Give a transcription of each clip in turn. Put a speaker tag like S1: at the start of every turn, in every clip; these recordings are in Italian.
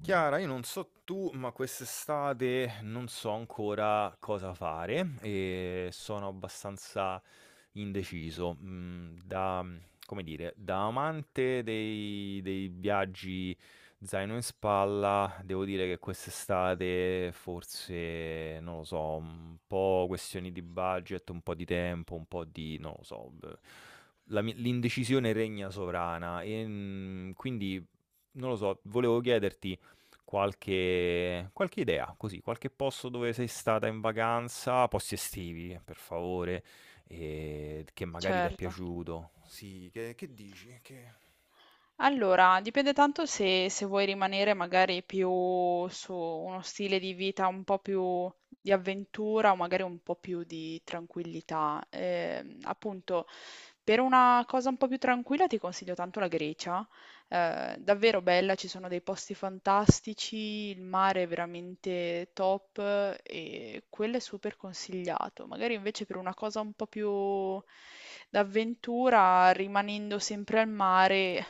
S1: Chiara, io non so tu, ma quest'estate non so ancora cosa fare e sono abbastanza indeciso. Come dire, da amante dei viaggi zaino in spalla, devo dire che quest'estate forse, non lo so, un po' questioni di budget, un po' di tempo, un po' di, non lo so, beh, l'indecisione regna sovrana e quindi, non lo so, volevo chiederti... Qualche, qualche idea, così, qualche posto dove sei stata in vacanza, posti estivi, per favore, e che magari ti è
S2: Certo.
S1: piaciuto. Sì, che dici? Che...
S2: Allora, dipende tanto se, se vuoi rimanere magari più su uno stile di vita un po' più di avventura o magari un po' più di tranquillità. Appunto, per una cosa un po' più tranquilla ti consiglio tanto la Grecia, davvero bella, ci sono dei posti fantastici, il mare è veramente top e quello è super consigliato. Magari invece per una cosa un po' più d'avventura, rimanendo sempre al mare,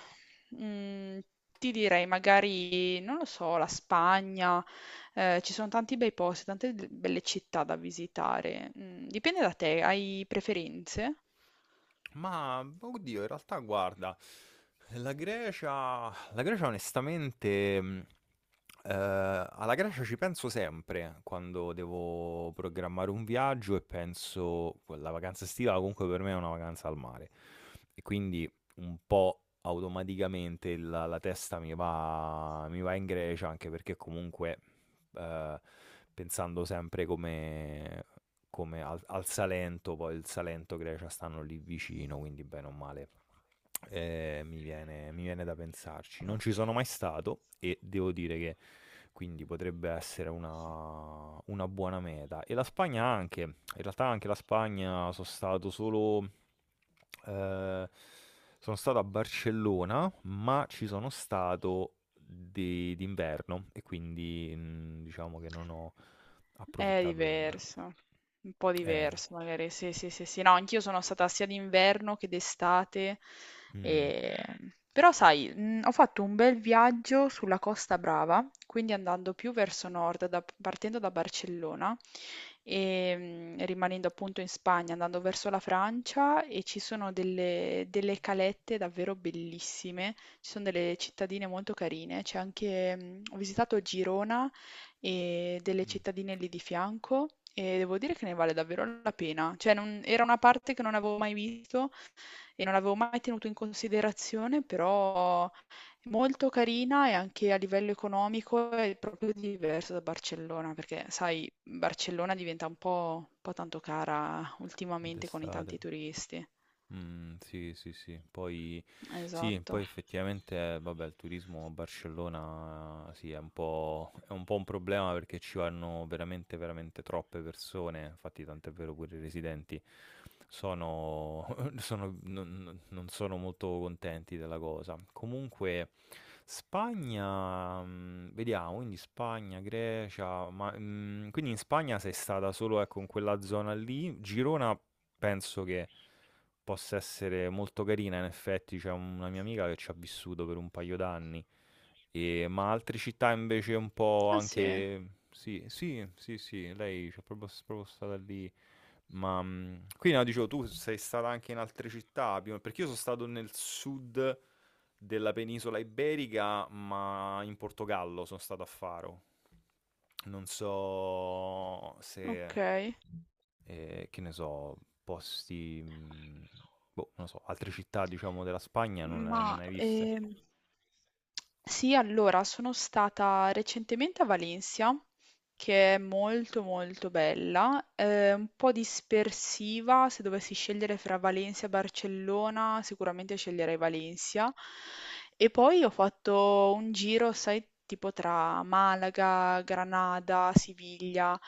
S2: mm, ti direi magari, non lo so, la Spagna. Ci sono tanti bei posti, tante belle città da visitare. Mm, dipende da te, hai preferenze?
S1: Ma oddio, in realtà guarda, la Grecia onestamente, eh, alla Grecia ci penso sempre quando devo programmare un viaggio e penso, la vacanza estiva comunque per me è una vacanza al mare e quindi un po' automaticamente la testa mi va in Grecia anche perché comunque eh, pensando sempre come come al Salento, poi il Salento e Grecia stanno lì vicino, quindi bene o male. Mi viene da pensarci. Non ci sono mai stato e devo dire che quindi potrebbe essere una buona meta. E la Spagna anche, in realtà anche la Spagna sono stato solo... eh, sono stato a Barcellona, ma ci sono stato d'inverno e quindi diciamo che non ho
S2: È
S1: approfittato del...
S2: diverso, un po'
S1: Eh,
S2: diverso magari, sì, sì, sì, sì. No, anch'io sono stata sia d'inverno che d'estate,
S1: mm.
S2: e- però sai, ho fatto un bel viaggio sulla Costa Brava, quindi andando più verso nord, partendo da Barcellona e rimanendo appunto in Spagna, andando verso la Francia, e ci sono delle, delle calette davvero bellissime, ci sono delle cittadine molto carine, c'è anche, ho visitato Girona e delle
S1: Mh.
S2: cittadine lì di fianco, e devo dire che ne vale davvero la pena. Cioè, era una parte che non avevo mai visto e non avevo mai tenuto in considerazione, però è molto carina, e anche a livello economico è proprio diverso da Barcellona, perché sai, Barcellona diventa un po' tanto cara ultimamente con i
S1: D'estate.
S2: tanti turisti.
S1: Sì, sì, sì. Poi sì,
S2: Esatto.
S1: poi effettivamente, vabbè, il turismo a Barcellona sì, è un po' un problema perché ci vanno veramente, veramente troppe persone, infatti tant'è vero pure i residenti sono sono non sono molto contenti della cosa. Comunque Spagna, mhmm, vediamo, quindi Spagna, Grecia, ma, mhmm, quindi in Spagna sei stata solo, ecco, in quella zona lì. Girona penso che possa essere molto carina, in effetti c'è una mia amica che ci ha vissuto per un paio d'anni, ma altre città invece un po'
S2: Ah sì,
S1: anche... Sì, sì, sì, sì, lei c'è proprio, proprio stata lì. Ma qui no, dicevo, tu sei stata anche in altre città, più- perché io sono stato nel sud della penisola iberica, ma in Portogallo sono stato a Faro. Non so
S2: ok.
S1: se, che ne so, posti, boh, non lo so, altre città, diciamo, della Spagna non,
S2: Ma
S1: non ne hai viste?
S2: sì, allora sono stata recentemente a Valencia, che è molto molto bella, un po' dispersiva. Se dovessi scegliere fra Valencia e Barcellona, sicuramente sceglierei Valencia. E poi ho fatto un giro, sai, tipo tra Malaga, Granada, Siviglia,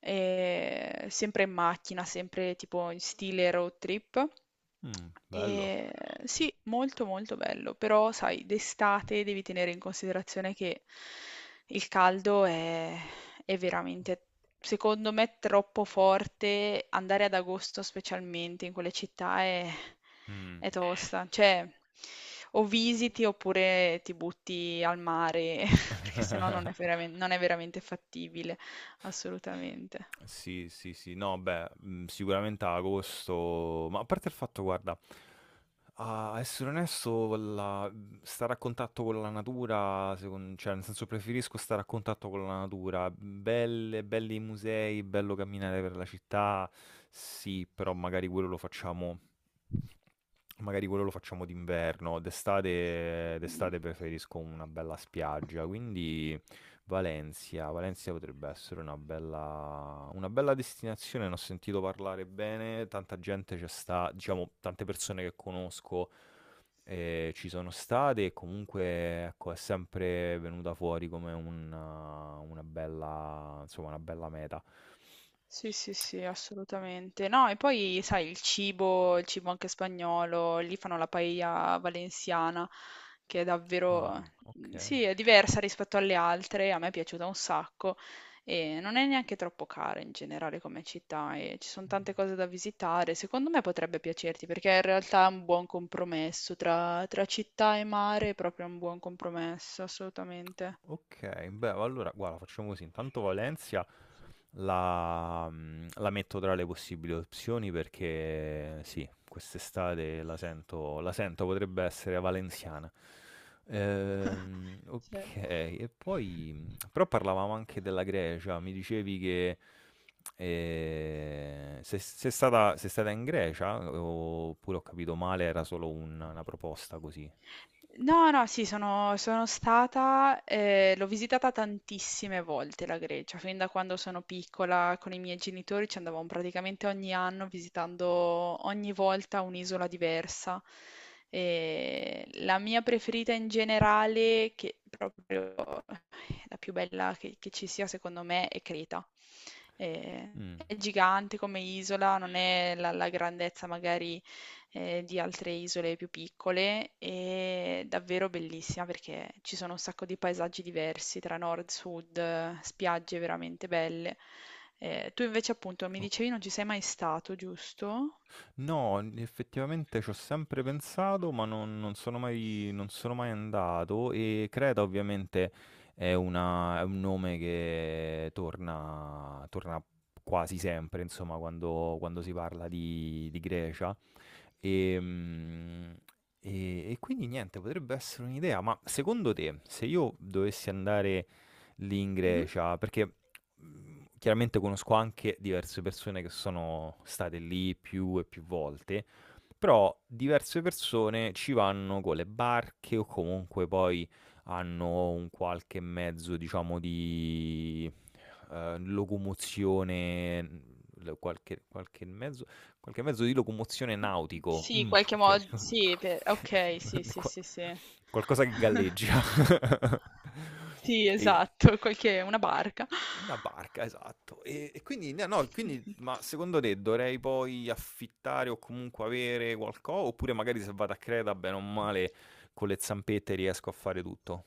S2: sempre in macchina, sempre tipo in stile road trip.
S1: Mm, bello.
S2: E sì, molto molto bello, però sai, d'estate devi tenere in considerazione che il caldo è veramente, secondo me, troppo forte. Andare ad agosto specialmente in quelle città
S1: Mm.
S2: è tosta. Cioè, o visiti oppure ti butti al mare, perché sennò non è non è veramente fattibile, assolutamente.
S1: Sì, sì, sì, no, beh, sicuramente a agosto, ma a parte il fatto, guarda, a essere onesto, stare a contatto con la natura, cioè, nel senso preferisco stare a contatto con la natura, belle, belli i musei, bello camminare per la città, sì, però magari quello lo facciamo Magari quello lo facciamo d'inverno,
S2: Mm.
S1: d'estate preferisco una bella spiaggia, quindi Valencia, Valencia potrebbe essere una bella destinazione, ne ho sentito parlare bene, tanta gente ci sta, diciamo, tante persone che conosco ci sono state e comunque ecco, è sempre venuta fuori come una bella, insomma, una bella meta.
S2: Sì, sì, sì, assolutamente. No, e poi sai, il cibo anche spagnolo, lì fanno la paella valenziana, che è
S1: Ah,
S2: davvero,
S1: ok.
S2: sì, è diversa rispetto alle altre, a me è piaciuta un sacco, e non è neanche troppo cara in generale come città, e ci sono tante cose da visitare. Secondo me potrebbe piacerti perché in realtà è un buon compromesso tra, tra città e mare, è proprio un buon compromesso, assolutamente.
S1: Ok, beh, allora guarda, facciamo così. Intanto Valencia la metto tra le possibili opzioni perché sì, quest'estate la sento, potrebbe essere valenziana.
S2: Sì.
S1: Ok, e poi però parlavamo anche della Grecia, mi dicevi che se, se è stata, sei stata in Grecia oppure ho capito male, era solo una proposta così.
S2: No, no, sì, sono, sono stata, l'ho visitata tantissime volte la Grecia, fin da quando sono piccola con i miei genitori ci andavamo praticamente ogni anno, visitando ogni volta un'isola diversa. E la mia preferita in generale, che proprio la più bella che ci sia secondo me, è Creta. Ehm,
S1: Mm,
S2: è gigante come isola, non è la grandezza magari, di altre isole più piccole. È davvero bellissima perché ci sono un sacco di paesaggi diversi tra nord e sud, spiagge veramente belle. Tu invece appunto mi dicevi non ci sei mai stato, giusto?
S1: no, effettivamente ci ho sempre pensato, ma non, non sono mai, non sono mai andato e Creta ovviamente è, è un nome che torna, torna quasi sempre, insomma, quando, quando si parla di Grecia. Ehm, e quindi niente, potrebbe essere un'idea, ma secondo te, se io dovessi andare lì in
S2: Mh-mh.
S1: Grecia, perché, mhmm, chiaramente conosco anche diverse persone che sono state lì più e più volte, però diverse persone ci vanno con le barche o comunque poi hanno un qualche mezzo, diciamo, di, locomozione, mhmm, l qualche qualche mezzo Qualche mezzo di locomozione nautico.
S2: Sì,
S1: Mm.
S2: qualche
S1: che-
S2: modo sì, pe okay, sì, sì,
S1: Qua-
S2: sì, sì.
S1: Qualcosa che galleggia.
S2: Sì,
S1: E-
S2: esatto, qualche una barca.
S1: Una barca, esatto. E quindi, no, no, quindi, ma secondo te dovrei poi affittare o comunque avere qualcosa? Oppure magari se vado a Creta, bene o male, con le zampette riesco a fare tutto?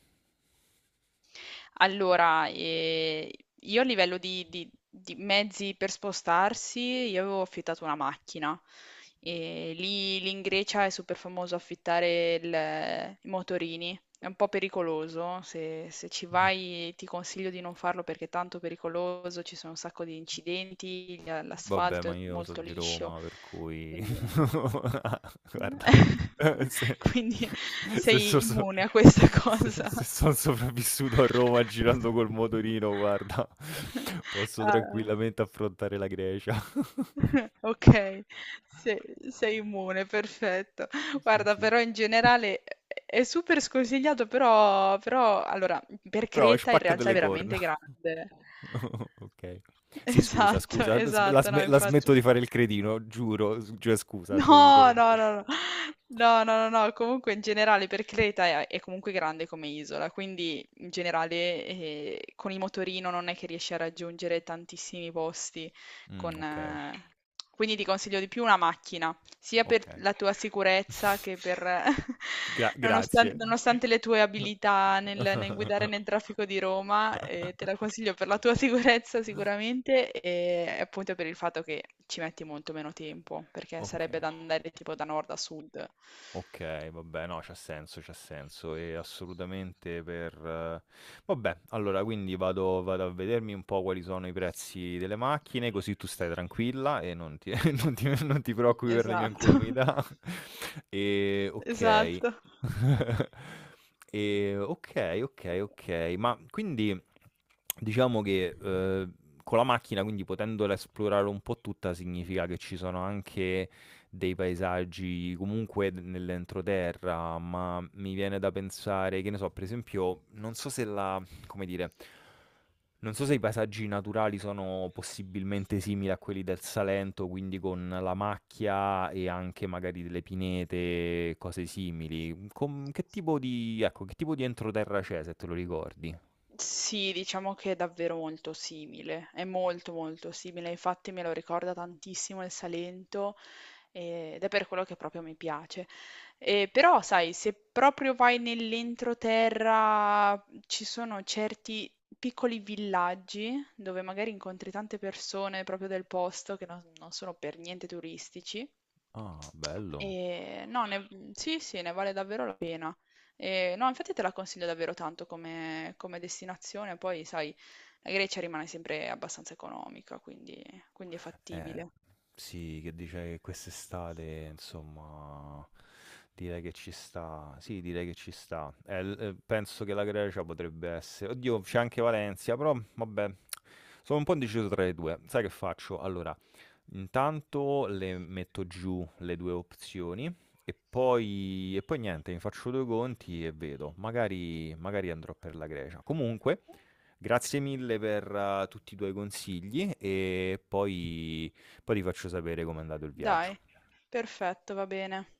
S2: Allora, io a livello di, di mezzi per spostarsi, io avevo affittato una macchina. E lì, lì in Grecia è super famoso affittare i motorini. È un po' pericoloso, se, se ci vai ti consiglio di non farlo perché è tanto pericoloso, ci sono un sacco di incidenti,
S1: Vabbè,
S2: l'asfalto
S1: ma
S2: è
S1: io so
S2: molto
S1: di
S2: liscio,
S1: Roma, per cui
S2: quindi...
S1: Ah, guarda, se,
S2: Quindi
S1: se,
S2: sei immune a questa cosa.
S1: se sono sopravvissuto a Roma girando col motorino, guarda, posso
S2: Ah,
S1: tranquillamente affrontare la Grecia.
S2: ok, sei, sei immune, perfetto.
S1: Sì,
S2: Guarda,
S1: sì.
S2: però in generale è super sconsigliato, però, però allora, per
S1: Però
S2: Creta in
S1: spaccate
S2: realtà è
S1: le corna.
S2: veramente grande.
S1: Ok. Sì, scusa,
S2: Esatto,
S1: scusa, la,
S2: esatto, no,
S1: la
S2: infatti.
S1: smetto di fare il cretino, giuro, cioè, scusa, ci ho
S2: No,
S1: avuto...
S2: no, no, no, no, no, no, no, comunque in generale per Creta è comunque grande come isola, quindi in generale con il motorino non è che riesci a raggiungere tantissimi posti,
S1: Mm,
S2: con,
S1: ok,
S2: quindi ti consiglio di più una macchina, sia per
S1: ok.
S2: la tua sicurezza che per
S1: Grazie.
S2: nonostante le tue abilità nel guidare nel traffico di Roma, te la consiglio per la tua sicurezza sicuramente, e appunto per il fatto che ci metti molto meno tempo, perché
S1: Ok,
S2: sarebbe da andare tipo da nord a sud.
S1: ok, vabbè, no, c'ha senso, e assolutamente per... vabbè, allora, quindi vado, vado a vedermi un po' quali sono i prezzi delle macchine, così tu stai tranquilla e non ti, non ti- non ti preoccupi per le mie
S2: Esatto,
S1: incolumità. E ok.
S2: esatto.
S1: E ok, ok, ok, ma quindi diciamo che con la macchina, quindi potendola esplorare un po' tutta, significa che ci sono anche dei paesaggi comunque nell'entroterra, ma mi viene da pensare, che ne so, per esempio, non so se la, come dire, non so se i paesaggi naturali sono possibilmente simili a quelli del Salento, quindi con la macchia e anche magari delle pinete, cose simili. Che tipo di, ecco, che tipo di entroterra c'è, se te lo ricordi?
S2: Sì, diciamo che è davvero molto simile, è molto molto simile, infatti me lo ricorda tantissimo il Salento ed è per quello che proprio mi piace. Però, sai, se proprio vai nell'entroterra ci sono certi piccoli villaggi dove magari incontri tante persone proprio del posto, che non sono per niente turistici.
S1: Ah, bello.
S2: E no, sì, sì, ne vale davvero la pena. E, no, infatti te la consiglio davvero tanto come, come destinazione, poi sai, la Grecia rimane sempre abbastanza economica, quindi, quindi è
S1: Eh,
S2: fattibile.
S1: sì, che dice che quest'estate, insomma, direi che ci sta. Sì, direi che ci sta. Penso che la Grecia potrebbe essere. Oddio, c'è anche Valencia, però vabbè, sono un po' indeciso tra le due. Sai che faccio? Allora, intanto le metto giù le due opzioni e poi niente, mi faccio due conti e vedo. Magari, magari andrò per la Grecia. Comunque, grazie mille per, tutti i tuoi consigli e poi poi ti faccio sapere com'è andato il viaggio.
S2: Dai, perfetto, va bene.